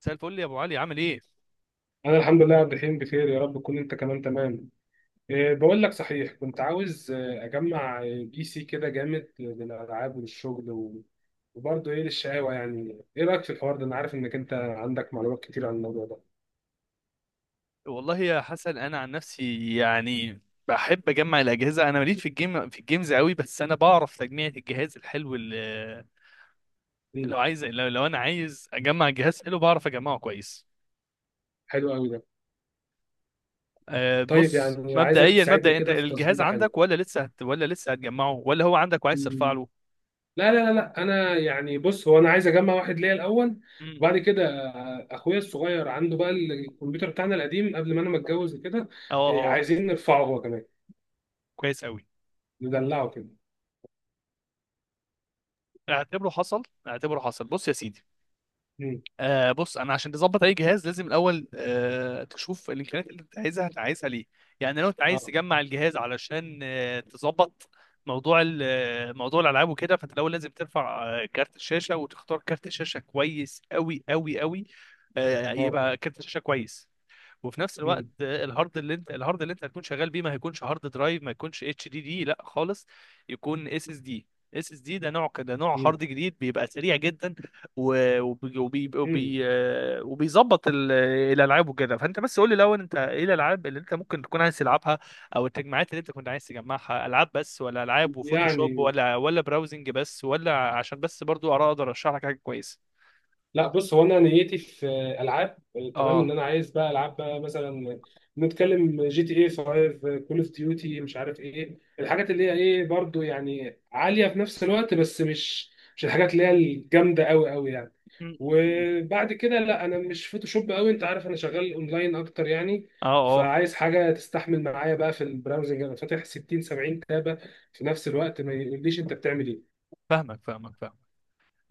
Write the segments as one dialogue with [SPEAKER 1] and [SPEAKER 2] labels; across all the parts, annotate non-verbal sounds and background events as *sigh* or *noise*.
[SPEAKER 1] مساء الفل يا ابو علي، عامل ايه؟
[SPEAKER 2] انا الحمد لله يا عبد الرحيم، بخير. يا رب تكون انت كمان تمام. إيه، بقول لك صحيح كنت عاوز اجمع بي سي كده جامد للالعاب وللشغل وبرضه ايه للشقاوه، يعني ايه رايك في الحوار ده؟ انا عارف انك انت عندك معلومات كتير عن الموضوع ده.
[SPEAKER 1] والله يا حسن انا عن نفسي يعني بحب اجمع الاجهزه. انا ماليش في الجيمز قوي، بس انا بعرف تجميع الجهاز الحلو اللي
[SPEAKER 2] مم.
[SPEAKER 1] لو انا عايز اجمع جهاز حلو بعرف اجمعه كويس.
[SPEAKER 2] حلو قوي ده.
[SPEAKER 1] أه
[SPEAKER 2] طيب،
[SPEAKER 1] بص
[SPEAKER 2] يعني عايزك
[SPEAKER 1] مبدئيا
[SPEAKER 2] تساعدني
[SPEAKER 1] انت
[SPEAKER 2] كده في
[SPEAKER 1] الجهاز
[SPEAKER 2] تظبيطه، حلوه.
[SPEAKER 1] عندك ولا لسه هتجمعه ولا هو عندك وعايز ترفع
[SPEAKER 2] مم.
[SPEAKER 1] له؟
[SPEAKER 2] لا لا لا لا، انا يعني بص، هو انا عايز اجمع واحد ليا الاول،
[SPEAKER 1] امم.
[SPEAKER 2] وبعد كده اخويا الصغير عنده بقى الكمبيوتر بتاعنا القديم قبل ما انا ما اتجوز كده.
[SPEAKER 1] اه اه.
[SPEAKER 2] عايزين نرفعه هو كمان،
[SPEAKER 1] كويس قوي.
[SPEAKER 2] ندلعه كده.
[SPEAKER 1] اعتبره حصل اعتبره حصل، بص يا سيدي.
[SPEAKER 2] مم.
[SPEAKER 1] بص انا عشان تظبط اي جهاز لازم الاول تشوف الامكانيات اللي انت عايزها، انت عايزها ليه؟ يعني لو انت عايز
[SPEAKER 2] اه
[SPEAKER 1] تجمع الجهاز علشان تظبط موضوع ال- آه، موضوع الالعاب وكده، فانت الاول لازم ترفع كارت الشاشه وتختار كارت شاشه كويس قوي قوي قوي.
[SPEAKER 2] اه.
[SPEAKER 1] يبقى كارت شاشه كويس، وفي نفس الوقت
[SPEAKER 2] مم.
[SPEAKER 1] الهارد اللي انت هتكون شغال بيه ما هيكونش هارد درايف، ما يكونش اتش دي دي لا خالص. يكون اس اس دي. اس اس دي ده نوع كده، نوع
[SPEAKER 2] مم.
[SPEAKER 1] هارد جديد بيبقى سريع جدا
[SPEAKER 2] مم.
[SPEAKER 1] وبيظبط الالعاب وكده. فانت بس قول لي الاول، انت ايه الالعاب اللي انت ممكن تكون عايز تلعبها، او التجمعات اللي انت كنت عايز تجمعها؟ العاب بس ولا العاب وفوتوشوب
[SPEAKER 2] يعني
[SPEAKER 1] ولا براوزنج بس؟ ولا عشان بس برضو اقدر ارشح لك حاجه كويسه.
[SPEAKER 2] لا، بص، هو انا نيتي في العاب. تمام، ان
[SPEAKER 1] اه.
[SPEAKER 2] انا عايز بقى العاب بقى، مثلا نتكلم جي تي اي 5، كول اوف ديوتي، مش عارف ايه الحاجات اللي هي ايه، برضو يعني عاليه في نفس الوقت، بس مش الحاجات اللي هي الجامده قوي قوي يعني.
[SPEAKER 1] م- م- م.
[SPEAKER 2] وبعد كده لا، انا مش فوتوشوب قوي، انت عارف انا شغال اونلاين اكتر يعني.
[SPEAKER 1] اه اه.
[SPEAKER 2] فعايز حاجه تستحمل معايا بقى في البراوزنج، انا فاتح 60 70 تابه في نفس الوقت، ما يقوليش انت بتعمل ايه.
[SPEAKER 1] فاهمك فاهمك فاهمك.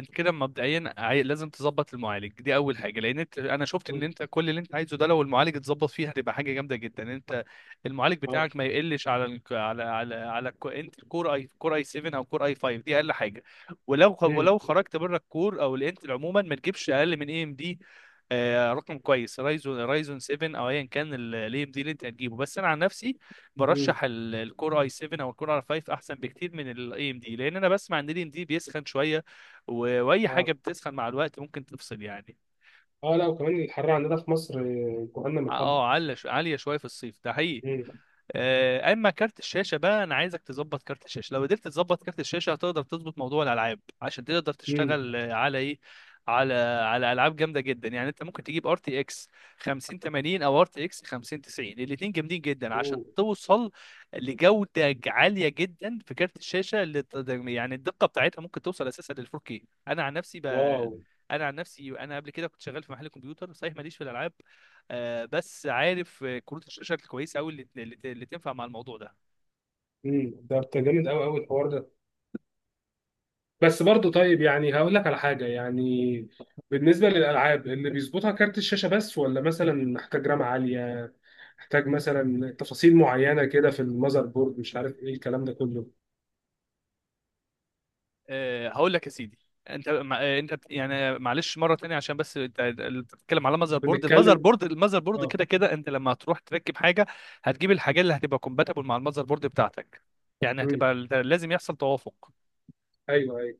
[SPEAKER 1] انت كده مبدئيا لازم تظبط المعالج، دي اول حاجه، لان انت انا شفت ان
[SPEAKER 2] مم.
[SPEAKER 1] انت كل اللي انت عايزه ده لو المعالج اتظبط فيه هتبقى حاجه جامده جدا. انت المعالج
[SPEAKER 2] اه.
[SPEAKER 1] بتاعك ما يقلش على ال... على على على انت كور اي 7 او كور اي 5، دي اقل حاجه.
[SPEAKER 2] مم.
[SPEAKER 1] ولو خرجت بره الكور او الانتل عموما ما تجيبش اقل من اي ام دي رقم كويس، رايزون 7، او ايا كان الاي ام دي اللي انت هتجيبه. بس انا عن نفسي
[SPEAKER 2] مم.
[SPEAKER 1] برشح الكور اي 7 او الكور اي 5، احسن بكتير من الاي ام دي لان انا بسمع ان الاي ام دي بيسخن شويه، واي
[SPEAKER 2] اه
[SPEAKER 1] حاجه بتسخن مع الوقت ممكن تفصل يعني.
[SPEAKER 2] اه، لا، وكمان الحر عندنا في مصر جهنم الحر.
[SPEAKER 1] اه عاليه شويه في الصيف، ده حقيقي.
[SPEAKER 2] مم.
[SPEAKER 1] اما كارت الشاشه بقى، انا عايزك تظبط كارت الشاشه. لو قدرت تظبط كارت الشاشه هتقدر تظبط موضوع الالعاب عشان تقدر
[SPEAKER 2] مم.
[SPEAKER 1] تشتغل على ايه، على العاب جامده جدا. يعني انت ممكن تجيب ار تي اكس 5080 او ار تي اكس 5090، الاثنين جامدين جدا عشان
[SPEAKER 2] أوه.
[SPEAKER 1] توصل لجوده عاليه جدا في كارت الشاشه اللي يعني الدقه بتاعتها ممكن توصل اساسا لل 4K.
[SPEAKER 2] واو.
[SPEAKER 1] انا عن نفسي انا قبل كده كنت شغال في محل كمبيوتر، صحيح ماليش في الالعاب بس عارف كروت الشاشه الكويسه قوي اللي تنفع مع الموضوع ده.
[SPEAKER 2] مم. ده جامد قوي قوي الحوار ده. بس برضه، طيب يعني هقول لك على حاجة يعني، بالنسبة للألعاب اللي بيظبطها كارت الشاشة بس، ولا مثلا محتاج رام عالية، محتاج مثلا تفاصيل معينة كده في المذر بورد، مش عارف ايه الكلام ده كله.
[SPEAKER 1] هقول لك يا سيدي. انت مع- آه، انت بت- يعني معلش مره تانية عشان بس انت، بتتكلم على ماذر بورد،
[SPEAKER 2] بنتكلم.
[SPEAKER 1] الماذر بورد
[SPEAKER 2] اه.
[SPEAKER 1] كده كده انت لما هتروح تركب حاجه هتجيب الحاجات اللي هتبقى كومباتبل مع الماذر بورد بتاعتك. يعني
[SPEAKER 2] مم.
[SPEAKER 1] هتبقى لازم يحصل توافق.
[SPEAKER 2] ايوه ايوه.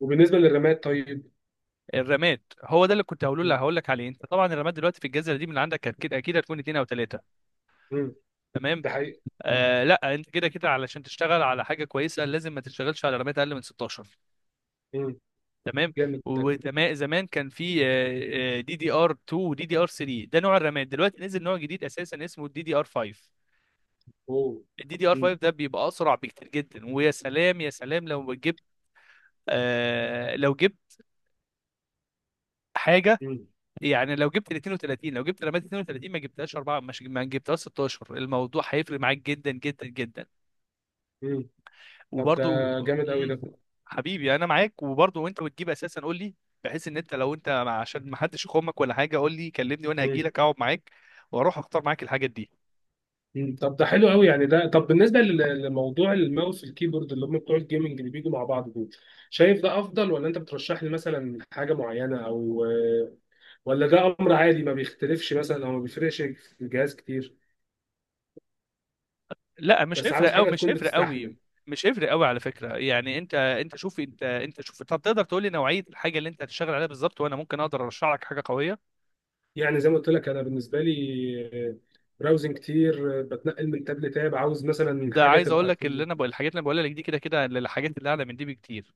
[SPEAKER 2] وبالنسبة للرامات طيب.
[SPEAKER 1] الرامات هو ده اللي كنت هقوله لك،
[SPEAKER 2] مم.
[SPEAKER 1] هقول لك عليه. انت طبعا الرامات دلوقتي في الجزيره دي من اللي عندك اكيد اكيد هتكون اتنين او تلاته،
[SPEAKER 2] مم.
[SPEAKER 1] تمام؟
[SPEAKER 2] ده حقيقي.
[SPEAKER 1] لا، انت كده كده علشان تشتغل على حاجه كويسه لازم ما تشتغلش على رامات اقل من 16،
[SPEAKER 2] مم.
[SPEAKER 1] تمام.
[SPEAKER 2] جامد ده.
[SPEAKER 1] وزمان كان في دي دي ار 2 ودي دي ار 3، ده نوع الرامات. دلوقتي نزل نوع جديد اساسا اسمه الدي دي ار 5.
[SPEAKER 2] اوه.
[SPEAKER 1] الدي دي ار
[SPEAKER 2] مم.
[SPEAKER 1] 5 ده بيبقى اسرع بكتير جدا. ويا سلام يا سلام لو جبت، لو جبت حاجه،
[SPEAKER 2] مم.
[SPEAKER 1] يعني لو جبت ال 32، لو جبت رامات 32 ما جبتهاش 4، مش ما جبتهاش 16، الموضوع هيفرق معاك جدا جدا جدا.
[SPEAKER 2] مم. طب ده
[SPEAKER 1] وبرضو
[SPEAKER 2] جامد قوي
[SPEAKER 1] مم.
[SPEAKER 2] ده.
[SPEAKER 1] حبيبي انا معاك. وبرضو وانت بتجيب اساسا قول لي، بحيث ان انت لو انت عشان ما حدش يخمك ولا حاجه قول لي كلمني وانا هجي
[SPEAKER 2] مم.
[SPEAKER 1] لك اقعد معاك واروح اختار معاك الحاجات دي.
[SPEAKER 2] مم. طب ده حلو قوي يعني. ده طب بالنسبه لموضوع الماوس والكيبورد اللي هم بتوع الجيمنج اللي بيجوا مع بعض دول، شايف ده افضل؟ ولا انت بترشح لي مثلا حاجه معينه؟ او ولا ده امر عادي ما بيختلفش مثلا، او ما بيفرقش في الجهاز كتير؟
[SPEAKER 1] لا مش
[SPEAKER 2] بس
[SPEAKER 1] هيفرق
[SPEAKER 2] عاوز
[SPEAKER 1] قوي،
[SPEAKER 2] حاجه
[SPEAKER 1] مش
[SPEAKER 2] تكون
[SPEAKER 1] هيفرق
[SPEAKER 2] بتستحمل.
[SPEAKER 1] قوي، مش هيفرق قوي على فكره. يعني انت شوف، انت شوف، انت تقدر تقول لي نوعيه الحاجه اللي انت هتشتغل عليها بالظبط وانا ممكن اقدر ارشح لك حاجه قويه.
[SPEAKER 2] يعني زي ما قلت لك، انا بالنسبه لي براوزنج كتير، بتنقل من تاب لتاب، عاوز مثلا
[SPEAKER 1] ده
[SPEAKER 2] حاجه
[SPEAKER 1] عايز اقول
[SPEAKER 2] تبقى
[SPEAKER 1] لك،
[SPEAKER 2] في
[SPEAKER 1] اللي انا بقول الحاجات اللي انا بقولها لك دي كده كده الحاجات اللي اعلى من دي بكتير،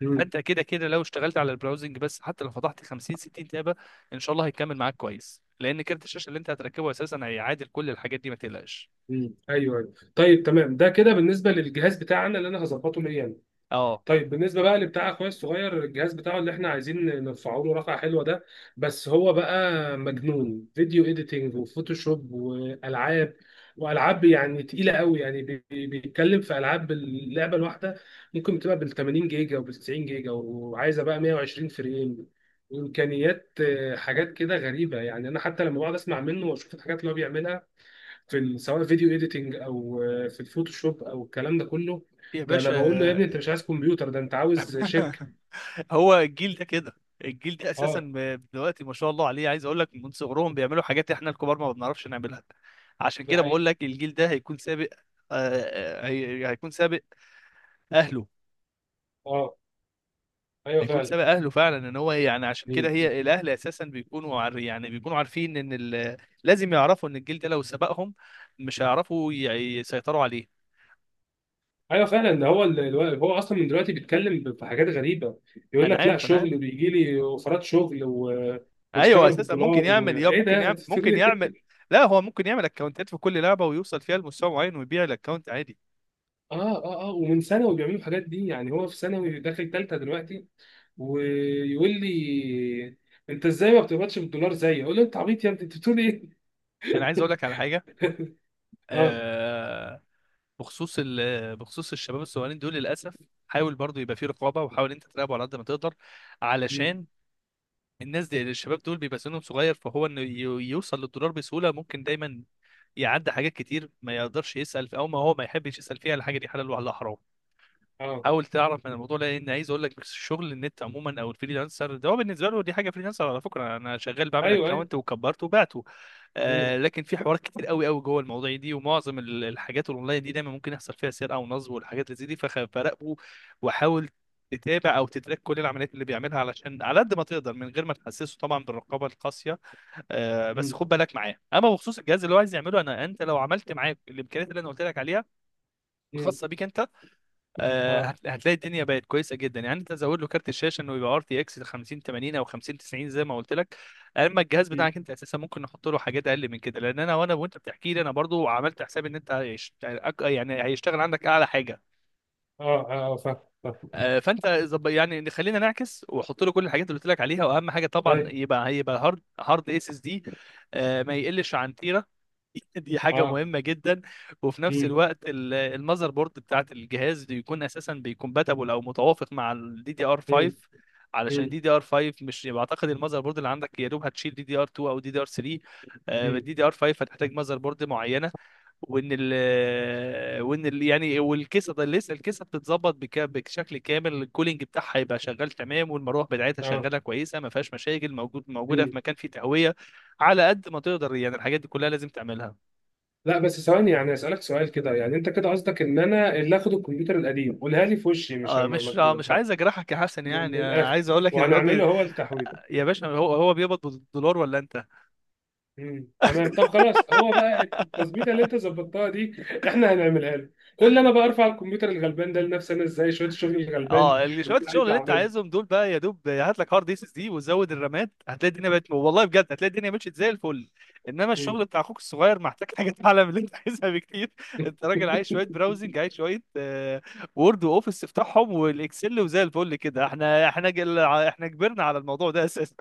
[SPEAKER 2] مم.
[SPEAKER 1] فانت كده كده لو اشتغلت على البراوزنج بس حتى لو فتحت 50 60 تابه ان شاء الله هيكمل معاك كويس، لان كارت الشاشه اللي انت هتركبه اساسا هيعادل كل الحاجات دي، ما تقلقش.
[SPEAKER 2] مم. ايوه أيوة. طيب تمام ده كده بالنسبه للجهاز بتاعنا اللي انا هظبطه ليا أنا.
[SPEAKER 1] اه
[SPEAKER 2] طيب بالنسبه بقى لبتاع اخويا الصغير، الجهاز بتاعه اللي احنا عايزين نرفعه له رقعه حلوه ده، بس هو بقى مجنون فيديو اديتنج وفوتوشوب والعاب. والعاب يعني تقيله قوي يعني، بيتكلم في العاب اللعبه الواحده ممكن بتبقى بال 80 جيجا وبال 90 جيجا، وعايزه بقى 120 فريم، وامكانيات حاجات كده غريبه يعني. انا حتى لما بقعد اسمع منه واشوف الحاجات اللي هو بيعملها في سواء فيديو اديتنج، او في الفوتوشوب، او الكلام ده كله.
[SPEAKER 1] يا
[SPEAKER 2] ده انا
[SPEAKER 1] باشا.
[SPEAKER 2] بقول له يا ابني، انت مش عايز كمبيوتر، ده انت عاوز شركه.
[SPEAKER 1] *laughs* هو الجيل ده كده. الجيل ده اساسا
[SPEAKER 2] اه.
[SPEAKER 1] دلوقتي ما شاء الله عليه، عايز اقول لك من صغرهم بيعملوا حاجات احنا الكبار ما بنعرفش نعملها. عشان
[SPEAKER 2] ده
[SPEAKER 1] كده بقول
[SPEAKER 2] حقيقي.
[SPEAKER 1] لك الجيل ده هيكون سابق. آه، هيكون سابق اهله.
[SPEAKER 2] اه. ايوه
[SPEAKER 1] هيكون
[SPEAKER 2] فعلا.
[SPEAKER 1] سابق اهله فعلا، ان هو يعني عشان كده
[SPEAKER 2] مم.
[SPEAKER 1] هي الاهل اساسا بيكونوا عار يعني بيكونوا عارفين ان لازم يعرفوا ان الجيل ده لو سبقهم مش هيعرفوا يسيطروا عليه.
[SPEAKER 2] ايوه فعلا. ده هو هو اصلا من دلوقتي بيتكلم في حاجات غريبه. يقول
[SPEAKER 1] انا
[SPEAKER 2] لك لا،
[SPEAKER 1] عارف انا عارف.
[SPEAKER 2] شغل بيجي لي اوفرات شغل و...
[SPEAKER 1] ايوه
[SPEAKER 2] واشتغل
[SPEAKER 1] اساسا ممكن
[SPEAKER 2] بالدولار
[SPEAKER 1] يعمل،
[SPEAKER 2] وايه ده. *laughs* بتقول
[SPEAKER 1] ممكن يعمل.
[SPEAKER 2] إيه؟
[SPEAKER 1] لا هو ممكن يعمل اكونتات في كل لعبه ويوصل فيها لمستوى معين ويبيع الاكونت عادي.
[SPEAKER 2] اه اه اه. ومن ثانوي بيعملوا الحاجات دي، يعني هو في ثانوي داخل ثالثه دلوقتي، ويقول لي انت ازاي ما بتقبضش بالدولار زيي؟ اقول له انت عبيط يا ابني، انت بتقول ايه.
[SPEAKER 1] انا عايز اقول لك على حاجه.
[SPEAKER 2] اه.
[SPEAKER 1] آه... بخصوص الشباب الصغيرين دول، للاسف حاول برضو يبقى في رقابه وحاول انت تراقبه على قد ما تقدر،
[SPEAKER 2] مم.
[SPEAKER 1] علشان الناس دي، يعني الشباب دول بيبقى سنهم صغير، فهو انه يوصل للدولار بسهوله ممكن دايما يعدي حاجات كتير ما يقدرش يسال في، او ما هو ما يحبش يسال فيها على حاجه دي حلال ولا حرام.
[SPEAKER 2] اه.
[SPEAKER 1] حاول تعرف من الموضوع ده، لان عايز اقول لك الشغل النت عموما او الفريلانسر ده هو بالنسبه له دي حاجه، فريلانسر على فكره انا شغال، بعمل
[SPEAKER 2] ايوه ايوه.
[SPEAKER 1] اكونت وكبرته وبعته.
[SPEAKER 2] مم.
[SPEAKER 1] لكن في حوارات كتير قوي قوي جوه المواضيع دي، ومعظم الحاجات الاونلاين دي دايما ممكن يحصل فيها سرقه ونصب والحاجات اللي زي دي، فراقبه وحاول تتابع او تتراك كل العمليات اللي بيعملها علشان، على قد ما تقدر من غير ما تحسسه طبعا بالرقابه القاسيه. بس
[SPEAKER 2] مم.
[SPEAKER 1] خد بالك معاه. اما بخصوص الجهاز اللي هو عايز يعمله، انا انت لو عملت معاه الامكانيات اللي انا قلت لك عليها
[SPEAKER 2] مم.
[SPEAKER 1] الخاصه بيك انت، *laughs*
[SPEAKER 2] اه.
[SPEAKER 1] هتلاقي الدنيا بقت كويسه جدا. يعني انت زود له كارت الشاشه انه يبقى ار تي اكس 50 80 او 50 90 زي ما قلت لك. اما الجهاز
[SPEAKER 2] مم.
[SPEAKER 1] بتاعك انت اساسا ممكن نحط له حاجات اقل من كده، لان انا وانا وانت بتحكي لي انا برضو عملت حساب ان انت يعني هيشتغل عندك اعلى حاجه.
[SPEAKER 2] اه اه. آه. فاهم. فاهم.
[SPEAKER 1] فانت يعني خلينا نعكس واحط له كل الحاجات اللي قلت لك عليها، واهم حاجه طبعا
[SPEAKER 2] طيب.
[SPEAKER 1] يبقى هيبقى هارد، اس اس دي، ما يقلش عن تيرا. *laughs* دي حاجة
[SPEAKER 2] اه.
[SPEAKER 1] مهمة جدا. وفي نفس
[SPEAKER 2] مم.
[SPEAKER 1] الوقت المذر بورد بتاعت الجهاز بيكون أساسا بيكومباتبل أو متوافق مع الدي دي ار
[SPEAKER 2] مم.
[SPEAKER 1] 5، علشان
[SPEAKER 2] مم.
[SPEAKER 1] الدي دي ار 5 مش بعتقد المذر بورد اللي عندك يا دوب هتشيل دي دي ار 2 أو دي دي ار 3.
[SPEAKER 2] مم.
[SPEAKER 1] الدي دي ار 5 هتحتاج مذر بورد معينة، وإن ال وإن ال يعني والكيسة. ده لسه الكيسة بتتظبط بشكل كامل، الكولينج بتاعها هيبقى شغال تمام والمروحة بتاعتها
[SPEAKER 2] اه.
[SPEAKER 1] شغالة كويسة ما فيهاش مشاكل، موجودة
[SPEAKER 2] مم.
[SPEAKER 1] في مكان فيه تهوية على قد ما تقدر. يعني الحاجات دي كلها لازم تعملها.
[SPEAKER 2] لا بس ثواني، يعني اسالك سؤال كده، يعني انت كده قصدك ان انا اللي اخد الكمبيوتر القديم؟ قولها لي في وشي، مش
[SPEAKER 1] مش عايز اجرحك يا حسن،
[SPEAKER 2] من
[SPEAKER 1] يعني
[SPEAKER 2] الاخر،
[SPEAKER 1] عايز اقول لك ان الواد
[SPEAKER 2] وهنعمله هو التحويل.
[SPEAKER 1] يا باشا هو بيقبض بالدولار ولا انت؟
[SPEAKER 2] مم. تمام، طب خلاص هو بقى
[SPEAKER 1] *laughs*
[SPEAKER 2] التظبيطه اللي انت ظبطتها دي احنا هنعملها له. كل انا بقى ارفع الكمبيوتر الغلبان ده لنفسي انا ازاي؟ شويه الشغل الغلبان
[SPEAKER 1] اه اللي شويه
[SPEAKER 2] اللي انا
[SPEAKER 1] الشغل
[SPEAKER 2] عايز
[SPEAKER 1] اللي انت
[SPEAKER 2] اعمله.
[SPEAKER 1] عايزهم دول بقى يا دوب هات لك هارد اس اس دي وزود الرامات، هتلاقي الدنيا بقت، والله بجد هتلاقي الدنيا مشيت زي الفل. انما الشغل بتاع اخوك الصغير محتاج حاجه اعلى من اللي انت *laughs* عايزها بكتير. انت راجل عايز شويه براوزنج، عايز شويه وورد واوفيس تفتحهم والاكسل وزي الفل كده، احنا كبرنا على الموضوع ده اساسا.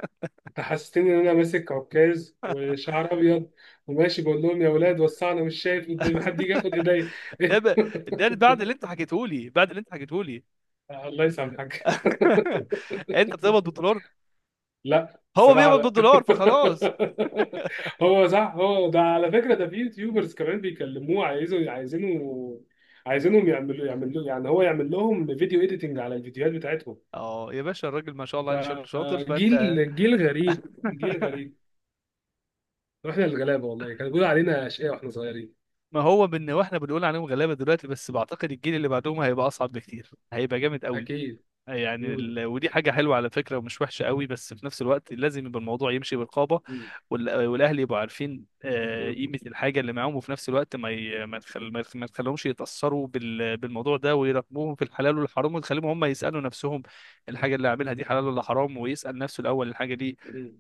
[SPEAKER 2] تحسستني ان انا ماسك عكاز وشعر ابيض، وماشي بقول لهم يا ولاد وسعنا، مش شايف قدامي حد يجي ياخد
[SPEAKER 1] *laughs*
[SPEAKER 2] ايديا.
[SPEAKER 1] ده ب...
[SPEAKER 2] *laughs*
[SPEAKER 1] ده بعد اللي انت حكيته لي،
[SPEAKER 2] الله يسامحك.
[SPEAKER 1] *laughs* انت بتقبض بالدولار،
[SPEAKER 2] لا،
[SPEAKER 1] هو
[SPEAKER 2] الصراحه
[SPEAKER 1] بيقبض
[SPEAKER 2] لا.
[SPEAKER 1] بالدولار فخلاص.
[SPEAKER 2] *laughs* هو صح، هو ده على فكره، ده في يوتيوبرز كمان بيكلموه، عايزوا عايزينه، عايزينهم يعملوا يعني هو يعمل لهم فيديو اديتنج على الفيديوهات بتاعتهم.
[SPEAKER 1] اه يا باشا الراجل ما شاء الله عليه شكله شاطر. فانت
[SPEAKER 2] فجيل، جيل غريب. جيل
[SPEAKER 1] *laughs*
[SPEAKER 2] غريب. واحنا الغلابه والله كانوا بيقولوا علينا اشقياء واحنا صغيرين.
[SPEAKER 1] ما هو بان، واحنا بنقول عليهم غلابه دلوقتي، بس بعتقد الجيل اللي بعدهم هيبقى اصعب بكتير، هيبقى جامد قوي.
[SPEAKER 2] أكيد.
[SPEAKER 1] يعني
[SPEAKER 2] مم.
[SPEAKER 1] ودي حاجة حلوة على فكرة ومش وحشة قوي، بس في نفس الوقت لازم يبقى الموضوع يمشي برقابة.
[SPEAKER 2] مم.
[SPEAKER 1] والأهل يبقوا عارفين
[SPEAKER 2] مم.
[SPEAKER 1] قيمة الحاجة اللي معاهم، وفي نفس الوقت ما ي... ما تخل... ما يخ- ما تخليهمش يتأثروا بالموضوع ده، ويراقبوهم في الحلال والحرام، وتخليهم هم يسألوا نفسهم الحاجة اللي عاملها دي حلال ولا حرام، ويسأل نفسه الأول الحاجة دي
[SPEAKER 2] مم.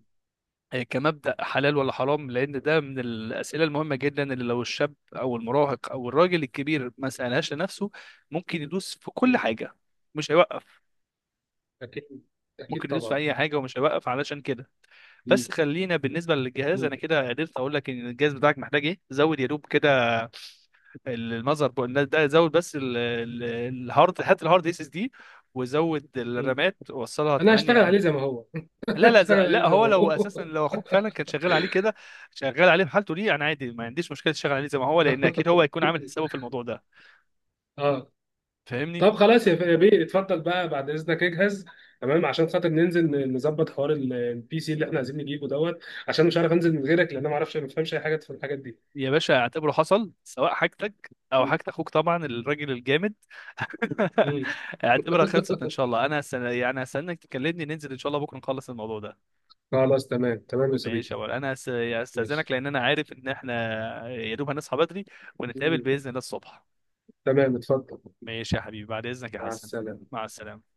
[SPEAKER 1] كمبدأ حلال ولا حرام، لأن ده من الأسئلة المهمة جدا اللي لو الشاب أو المراهق أو الراجل الكبير ما سألهاش لنفسه ممكن يدوس في كل
[SPEAKER 2] مم.
[SPEAKER 1] حاجة، مش هيوقف.
[SPEAKER 2] أكيد أكيد
[SPEAKER 1] ممكن يدوس في
[SPEAKER 2] طبعا.
[SPEAKER 1] اي حاجه ومش هيوقف، علشان كده.
[SPEAKER 2] مم.
[SPEAKER 1] بس خلينا بالنسبه للجهاز،
[SPEAKER 2] مم.
[SPEAKER 1] انا كده قدرت اقول لك ان الجهاز بتاعك محتاج ايه. زود يا دوب كده المذر بورد، ده زود بس الهارد، هات الهارد اس اس دي وزود
[SPEAKER 2] مم.
[SPEAKER 1] الرامات وصلها
[SPEAKER 2] أنا هشتغل عليه
[SPEAKER 1] 8.
[SPEAKER 2] زي ما هو. *laughs*
[SPEAKER 1] لا
[SPEAKER 2] أنا
[SPEAKER 1] لا،
[SPEAKER 2] هشتغل عليه
[SPEAKER 1] لا
[SPEAKER 2] زي
[SPEAKER 1] هو
[SPEAKER 2] ما
[SPEAKER 1] لو اساسا
[SPEAKER 2] هو.
[SPEAKER 1] لو اخوك فعلا كان شغال عليه كده، شغال عليه بحالته دي انا عادي ما عنديش مشكله تشتغل عليه زي ما هو، لان اكيد هو هيكون عامل
[SPEAKER 2] *laughs*
[SPEAKER 1] حسابه في الموضوع ده،
[SPEAKER 2] أه.
[SPEAKER 1] فاهمني.
[SPEAKER 2] طب خلاص يا بيه، اتفضل بقى بعد إذنك اجهز. تمام عشان خاطر ننزل نظبط حوار البي سي اللي إحنا عايزين نجيبه دوت، عشان مش عارف أنزل من غيرك، لأن أنا ما أعرفش، ما بفهمش أي حاجة في الحاجات دي.
[SPEAKER 1] يا باشا اعتبره حصل، سواء حاجتك او
[SPEAKER 2] مم.
[SPEAKER 1] حاجت اخوك طبعا الراجل الجامد. *laughs*
[SPEAKER 2] مم.
[SPEAKER 1] اعتبرها خلصت ان شاء الله. انا يعني هستناك تكلمني ننزل ان شاء الله بكره نخلص الموضوع ده.
[SPEAKER 2] *laughs* خلاص، تمام تمام يا
[SPEAKER 1] ماشي
[SPEAKER 2] صديقي.
[SPEAKER 1] يا ولد انا يعني
[SPEAKER 2] ماشي.
[SPEAKER 1] هستاذنك، لان انا عارف ان احنا يا دوب هنصحى بدري ونتقابل
[SPEAKER 2] مم.
[SPEAKER 1] باذن الله الصبح.
[SPEAKER 2] تمام، اتفضل.
[SPEAKER 1] ماشي يا حبيبي، بعد اذنك يا
[SPEAKER 2] مع
[SPEAKER 1] حسن،
[SPEAKER 2] السلامة.
[SPEAKER 1] مع السلامه.